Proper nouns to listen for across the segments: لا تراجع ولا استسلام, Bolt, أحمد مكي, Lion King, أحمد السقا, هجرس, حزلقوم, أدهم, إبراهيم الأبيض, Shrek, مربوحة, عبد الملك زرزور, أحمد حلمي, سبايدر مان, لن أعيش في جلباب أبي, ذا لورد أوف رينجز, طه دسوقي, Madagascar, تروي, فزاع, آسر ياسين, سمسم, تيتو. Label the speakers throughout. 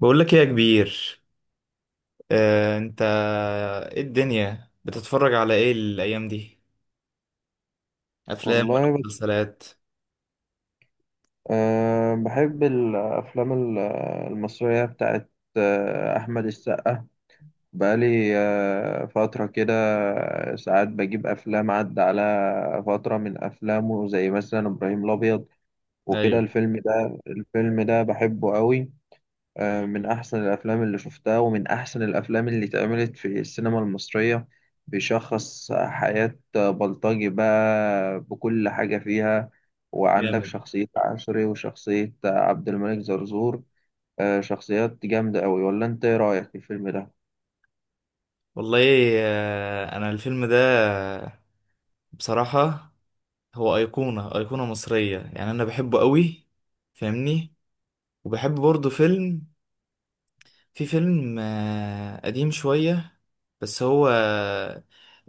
Speaker 1: بقول لك ايه يا كبير. انت ايه الدنيا بتتفرج على ايه الايام دي؟ افلام ولا
Speaker 2: والله بت-
Speaker 1: مسلسلات؟
Speaker 2: أه بحب الأفلام المصرية بتاعت أحمد السقا. بقالي فترة كده، ساعات بجيب أفلام عدى على فترة من أفلامه، زي مثلا إبراهيم الأبيض وكده.
Speaker 1: ايوه.
Speaker 2: الفيلم ده بحبه قوي، من أحسن الأفلام اللي شفتها، ومن أحسن الأفلام اللي اتعملت في السينما المصرية. بيشخص حياة بلطجي بقى بكل حاجة فيها، وعندك
Speaker 1: جامد.
Speaker 2: شخصية عشري وشخصية عبد الملك زرزور. شخصيات جامدة أوي، ولا أنت إيه رأيك في الفيلم ده؟
Speaker 1: والله. انا الفيلم ده بصراحة هو ايقونة مصرية، يعني انا بحبه قوي. فاهمني؟ وبحب برضه فيلم، في فيلم قديم شوية، بس هو آه،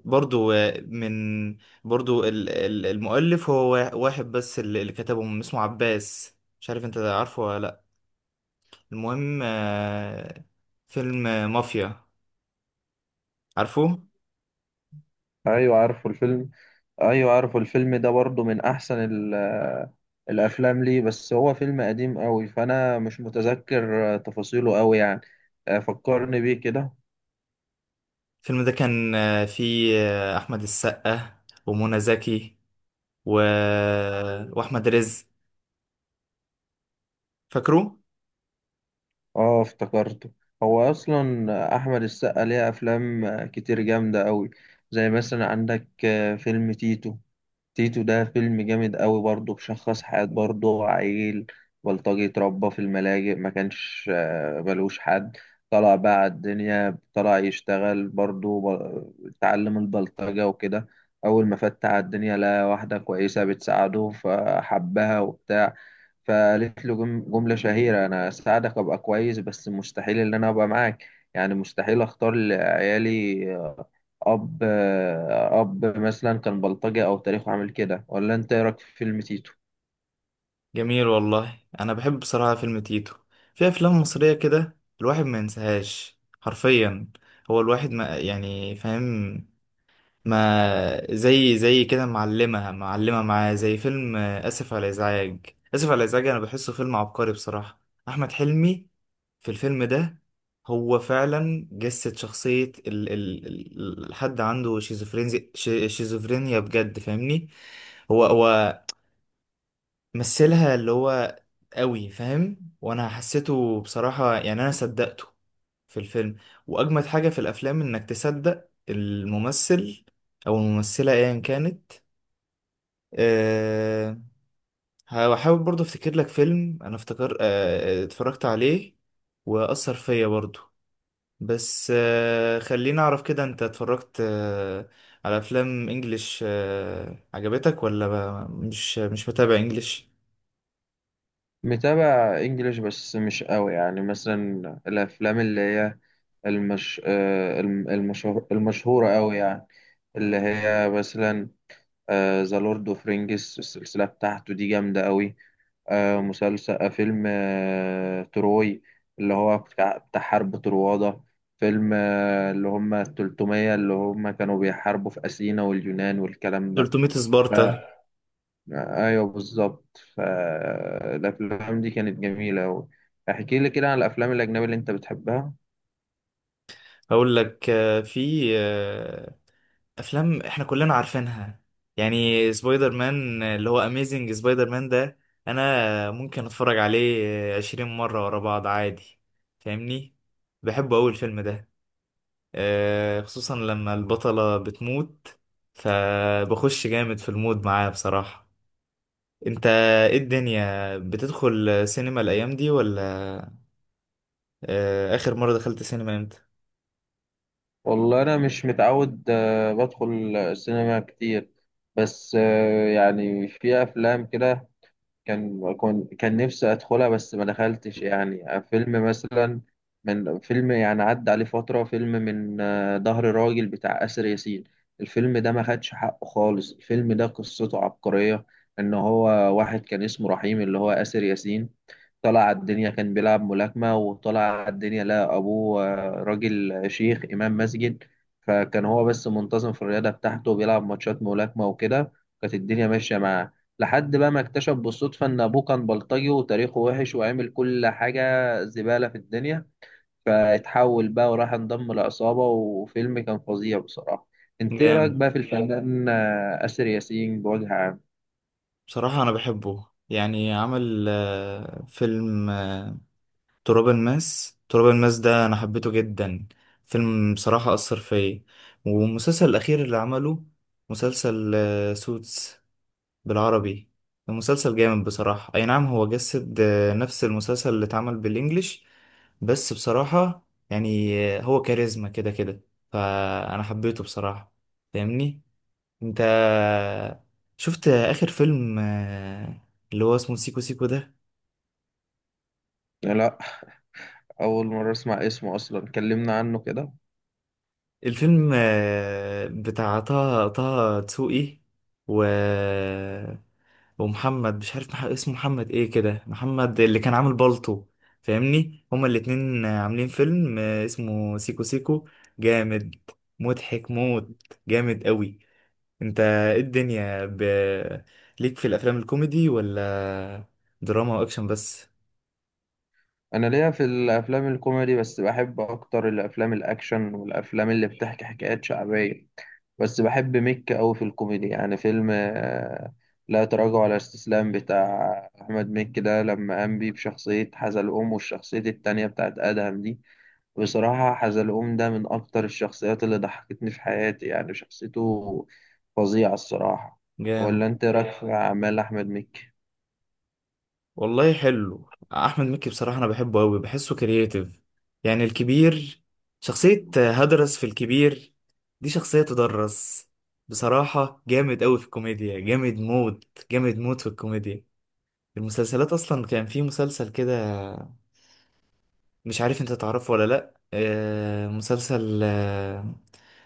Speaker 1: برضو آه، من برضو ال- ال- المؤلف هو واحد بس اللي كتبه، من اسمه عباس. مش عارف انت عارفه ولا لأ. المهم فيلم مافيا. عارفه
Speaker 2: أيوة عارفه الفيلم، أيوة عارفه الفيلم ده برضه من أحسن الأفلام، ليه بس هو فيلم قديم أوي، فأنا مش متذكر تفاصيله أوي يعني. فكرني بيه كده.
Speaker 1: الفيلم ده كان فيه أحمد السقا ومنى زكي و... آه، وأحمد رزق. فاكره؟
Speaker 2: اه افتكرته. هو اصلا احمد السقا ليه افلام كتير جامده قوي، زي مثلا عندك فيلم تيتو. تيتو ده فيلم جامد قوي برضه، بشخص حياه برضه عيل بلطجي اتربى في الملاجئ، ما كانش ملوش حد. طلع بقى على الدنيا، طلع يشتغل برضه اتعلم البلطجه وكده. اول ما فت على الدنيا لقى واحده كويسه بتساعده فحبها وبتاع، فقالت له جملة شهيرة: أنا أساعدك أبقى كويس بس مستحيل إن أنا أبقى معاك، يعني مستحيل أختار لعيالي أب أب مثلا كان بلطجي أو تاريخه عامل كده. ولا أنت إيه رأيك في فيلم تيتو؟
Speaker 1: جميل والله. انا بحب بصراحه فيلم تيتو. في افلام مصريه كده الواحد ما ينساهاش حرفيا. هو الواحد ما، يعني فاهم، ما زي كده معلمه معاه، زي فيلم اسف على الازعاج. اسف على الازعاج انا بحسه فيلم عبقري بصراحه. احمد حلمي في الفيلم ده هو فعلا جسد شخصيه الحد عنده شيزوفرينيا. شيزوفرينيا بجد، فاهمني؟ هو مثلها، اللي هو قوي فاهم، وانا حسيته بصراحة، يعني انا صدقته في الفيلم. واجمد حاجة في الافلام انك تصدق الممثل او الممثلة ايا كانت. أه. هحاول برضه افتكر لك فيلم انا افتكر أه اتفرجت عليه واثر فيا برضه. بس أه خليني اعرف كده، انت اتفرجت أه على افلام انجليش أه عجبتك ولا مش متابع انجليش؟
Speaker 2: متابع إنجليش بس مش قوي، يعني مثلا الأفلام اللي هي المشهور... المشهورة قوي يعني، اللي هي مثلا ذا لورد أوف رينجز، السلسلة بتاعته دي جامدة قوي. آه، مسلسل آه، فيلم تروي، اللي هو بتاع حرب طروادة. فيلم اللي هم التلتمية، اللي هم كانوا بيحاربوا في أثينا واليونان والكلام ده.
Speaker 1: 300
Speaker 2: ف-
Speaker 1: سبارتا.
Speaker 2: أيوه بالظبط، فالأفلام دي كانت جميلة أوي. احكي لي كده عن الأفلام الأجنبية اللي أنت بتحبها.
Speaker 1: هقول لك آه، في آه، افلام احنا كلنا عارفينها، يعني سبايدر مان، اللي هو اميزنج سبايدر مان ده انا ممكن اتفرج عليه عشرين مرة ورا بعض عادي. فاهمني؟ بحبه اوي الفيلم ده. خصوصا لما البطلة بتموت، فبخش جامد في المود معاه بصراحة. انت ايه الدنيا، بتدخل سينما الايام دي ولا؟ اخر مرة دخلت سينما امتى؟
Speaker 2: والله أنا مش متعود، بدخل السينما كتير، بس يعني في أفلام كده كان نفسي ادخلها بس ما دخلتش، يعني فيلم مثلا من فيلم يعني عدى عليه فترة، فيلم من ظهر راجل بتاع آسر ياسين. الفيلم ده ما خدش حقه خالص، الفيلم ده قصته عبقرية، ان هو واحد كان اسمه رحيم، اللي هو آسر ياسين، طلع على الدنيا كان بيلعب ملاكمة، وطلع على الدنيا لقى أبوه راجل شيخ إمام مسجد. فكان هو بس منتظم في الرياضة بتاعته وبيلعب ماتشات ملاكمة وكده، كانت الدنيا ماشية معاه، لحد بقى ما اكتشف بالصدفة إن أبوه كان بلطجي وتاريخه وحش وعمل كل حاجة زبالة في الدنيا، فاتحول بقى وراح انضم لعصابة. وفيلم كان فظيع بصراحة. انت ايه رأيك
Speaker 1: جامد.
Speaker 2: بقى في الفنان آسر ياسين بوجه عام؟
Speaker 1: بصراحة أنا بحبه، يعني عمل فيلم تراب الماس. تراب الماس ده أنا حبيته جدا، فيلم بصراحة أثر فيا. والمسلسل الأخير اللي عمله، مسلسل سوتس بالعربي، المسلسل جامد بصراحة. أي نعم هو جسد نفس المسلسل اللي اتعمل بالإنجليش، بس بصراحة هو كاريزما كده كده، فأنا حبيته بصراحة. فاهمني؟ انت شفت اخر فيلم اللي هو اسمه سيكو سيكو ده؟
Speaker 2: لا، أول مرة أسمع اسمه أصلا، كلمنا عنه كده.
Speaker 1: الفيلم بتاع طه دسوقي و... ومحمد مش عارف اسمه محمد ايه كده، محمد اللي كان عامل بالطو. فاهمني؟ هما الاتنين عاملين فيلم اسمه سيكو سيكو. جامد، مضحك موت، جامد قوي. انت ايه الدنيا ب... ليك في الافلام الكوميدي ولا دراما واكشن بس؟
Speaker 2: انا ليا في الافلام الكوميدي، بس بحب اكتر الافلام الاكشن والافلام اللي بتحكي حكايات شعبيه، بس بحب ميك قوي في الكوميدي، يعني فيلم لا تراجع ولا استسلام بتاع احمد مكي ده، لما قام بيه بشخصيه حزلقوم والشخصيه التانية بتاعت ادهم دي. بصراحه حزلقوم ده من اكتر الشخصيات اللي ضحكتني في حياتي، يعني شخصيته فظيعه الصراحه.
Speaker 1: جامد.
Speaker 2: ولا انت إيه رايك في اعمال احمد مكي؟
Speaker 1: والله حلو احمد مكي بصراحه، انا بحبه قوي، بحسه كرييتيف. يعني الكبير، شخصيه هدرس في الكبير دي، شخصيه تدرس بصراحه. جامد قوي في الكوميديا، جامد موت، في الكوميديا. المسلسلات اصلا كان في مسلسل كده مش عارف انت تعرفه ولا لا، مسلسل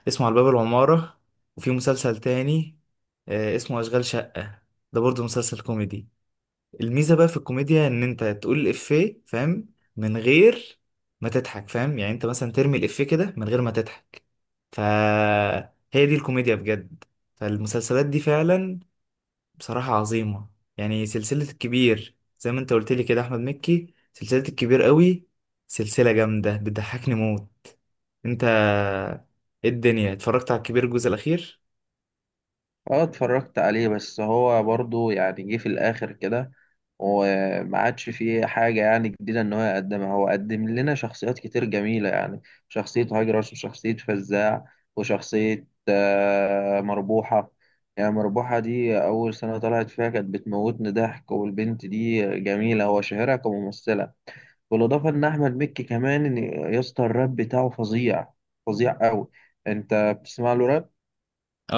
Speaker 1: اسمه على باب العماره. وفي مسلسل تاني اسمه اشغال شقه، ده برضه مسلسل كوميدي. الميزه بقى في الكوميديا ان انت تقول الافيه، فاهم، من غير ما تضحك، فاهم؟ يعني انت مثلا ترمي الافيه كده من غير ما تضحك، فهي دي الكوميديا بجد. فالمسلسلات دي فعلا بصراحه عظيمه. يعني سلسله الكبير زي ما انت قلت لي كده، احمد مكي، سلسله الكبير قوي، سلسله جامده، بتضحكني موت. انت ايه الدنيا، اتفرجت على الكبير الجزء الاخير؟
Speaker 2: اه اتفرجت عليه، بس هو برضو يعني جه في الاخر كده، وما عادش فيه حاجة يعني جديدة ان هو يقدمها. هو قدم لنا شخصيات كتير جميلة، يعني شخصية هجرس وشخصية فزاع وشخصية مربوحة. يعني مربوحة دي أول سنة طلعت فيها كانت بتموتني ضحك، والبنت دي جميلة، هو شاهرها كممثلة. بالإضافة إن أحمد مكي كمان يا اسطى، الراب بتاعه فظيع، فظيع أوي. أنت بتسمع له راب؟
Speaker 1: اه.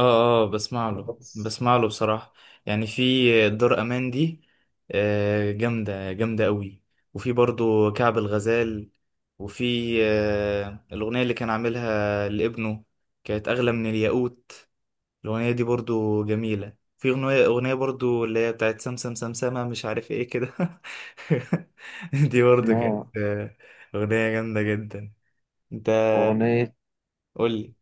Speaker 1: اه، بسمع له،
Speaker 2: بس.
Speaker 1: بصراحة. يعني في دار امان دي، جامدة قوي. وفي برضو كعب الغزال. وفي الأغنية اللي كان عاملها لابنه، كانت أغلى من الياقوت، الأغنية دي برضو جميلة. في أغنية برضو اللي هي بتاعت سمسم سمسمة مش عارف ايه كده. دي برضو كانت
Speaker 2: لا.
Speaker 1: أغنية جامدة جدا. انت
Speaker 2: أغنية
Speaker 1: قولي.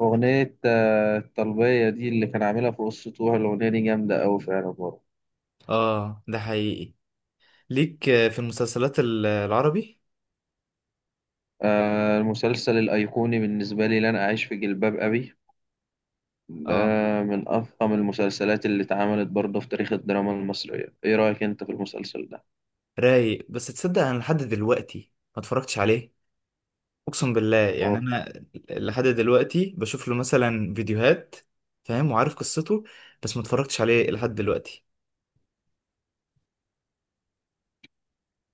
Speaker 2: أغنية الطلبية دي اللي كان عاملها في قصته، الأغنية دي جامدة أوي فعلا برضه.
Speaker 1: اه، ده حقيقي. ليك في المسلسلات العربي؟
Speaker 2: المسلسل الأيقوني بالنسبة لي لن أعيش في جلباب أبي، ده
Speaker 1: اه،
Speaker 2: من أفخم المسلسلات اللي اتعملت برضه في تاريخ الدراما المصرية. إيه رأيك أنت في المسلسل ده؟
Speaker 1: رايق. بس تصدق انا لحد دلوقتي ما اتفرجتش عليه. اقسم بالله، يعني
Speaker 2: أوه.
Speaker 1: انا لحد دلوقتي بشوف له مثلا فيديوهات، فاهم، وعارف قصته، بس ما اتفرجتش عليه لحد دلوقتي.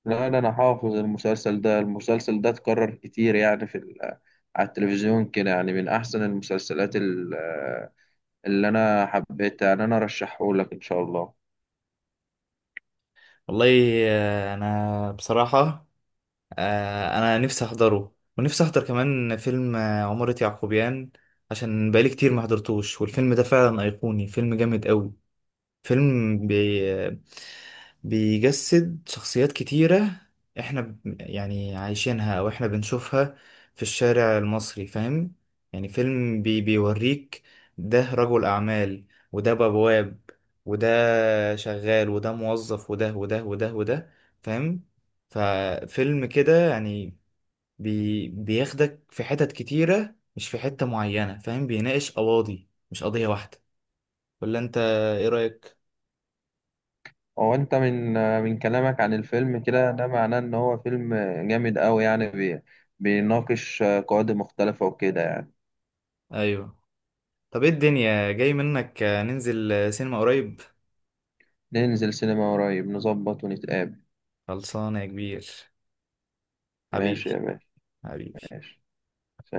Speaker 2: لا، ده أنا حافظ المسلسل ده، المسلسل ده اتكرر كتير يعني على التلفزيون كده، يعني من أحسن المسلسلات اللي أنا حبيتها يعني، أنا أرشحهولك إن شاء الله.
Speaker 1: والله انا بصراحة، انا نفسي احضره، ونفسي احضر كمان فيلم عمارة يعقوبيان، عشان بقالي كتير ما حضرتوش. والفيلم ده فعلا ايقوني، فيلم جامد قوي. فيلم بي... بيجسد شخصيات كتيرة احنا ب... يعني عايشينها او احنا بنشوفها في الشارع المصري، فاهم؟ يعني فيلم بي... بيوريك، ده رجل اعمال، وده بواب، وده شغال، وده موظف، وده وده وده وده. فاهم؟ ففيلم كده يعني بي... بياخدك في حتت كتيرة، مش في حتة معينة، فاهم؟ بيناقش قواضي مش قضية واحدة. ولا انت ايه رأيك؟
Speaker 2: هو انت من كلامك عن الفيلم كده، ده معناه ان هو فيلم جامد قوي، يعني بيناقش قواعد مختلفة وكده يعني.
Speaker 1: ايوه. طب ايه الدنيا جاي منك ننزل سينما قريب؟
Speaker 2: ننزل سينما قريب، نظبط ونتقابل.
Speaker 1: خلصانة يا كبير. حبيبي.
Speaker 2: ماشي يا باشا.
Speaker 1: حبيبي.
Speaker 2: ماشي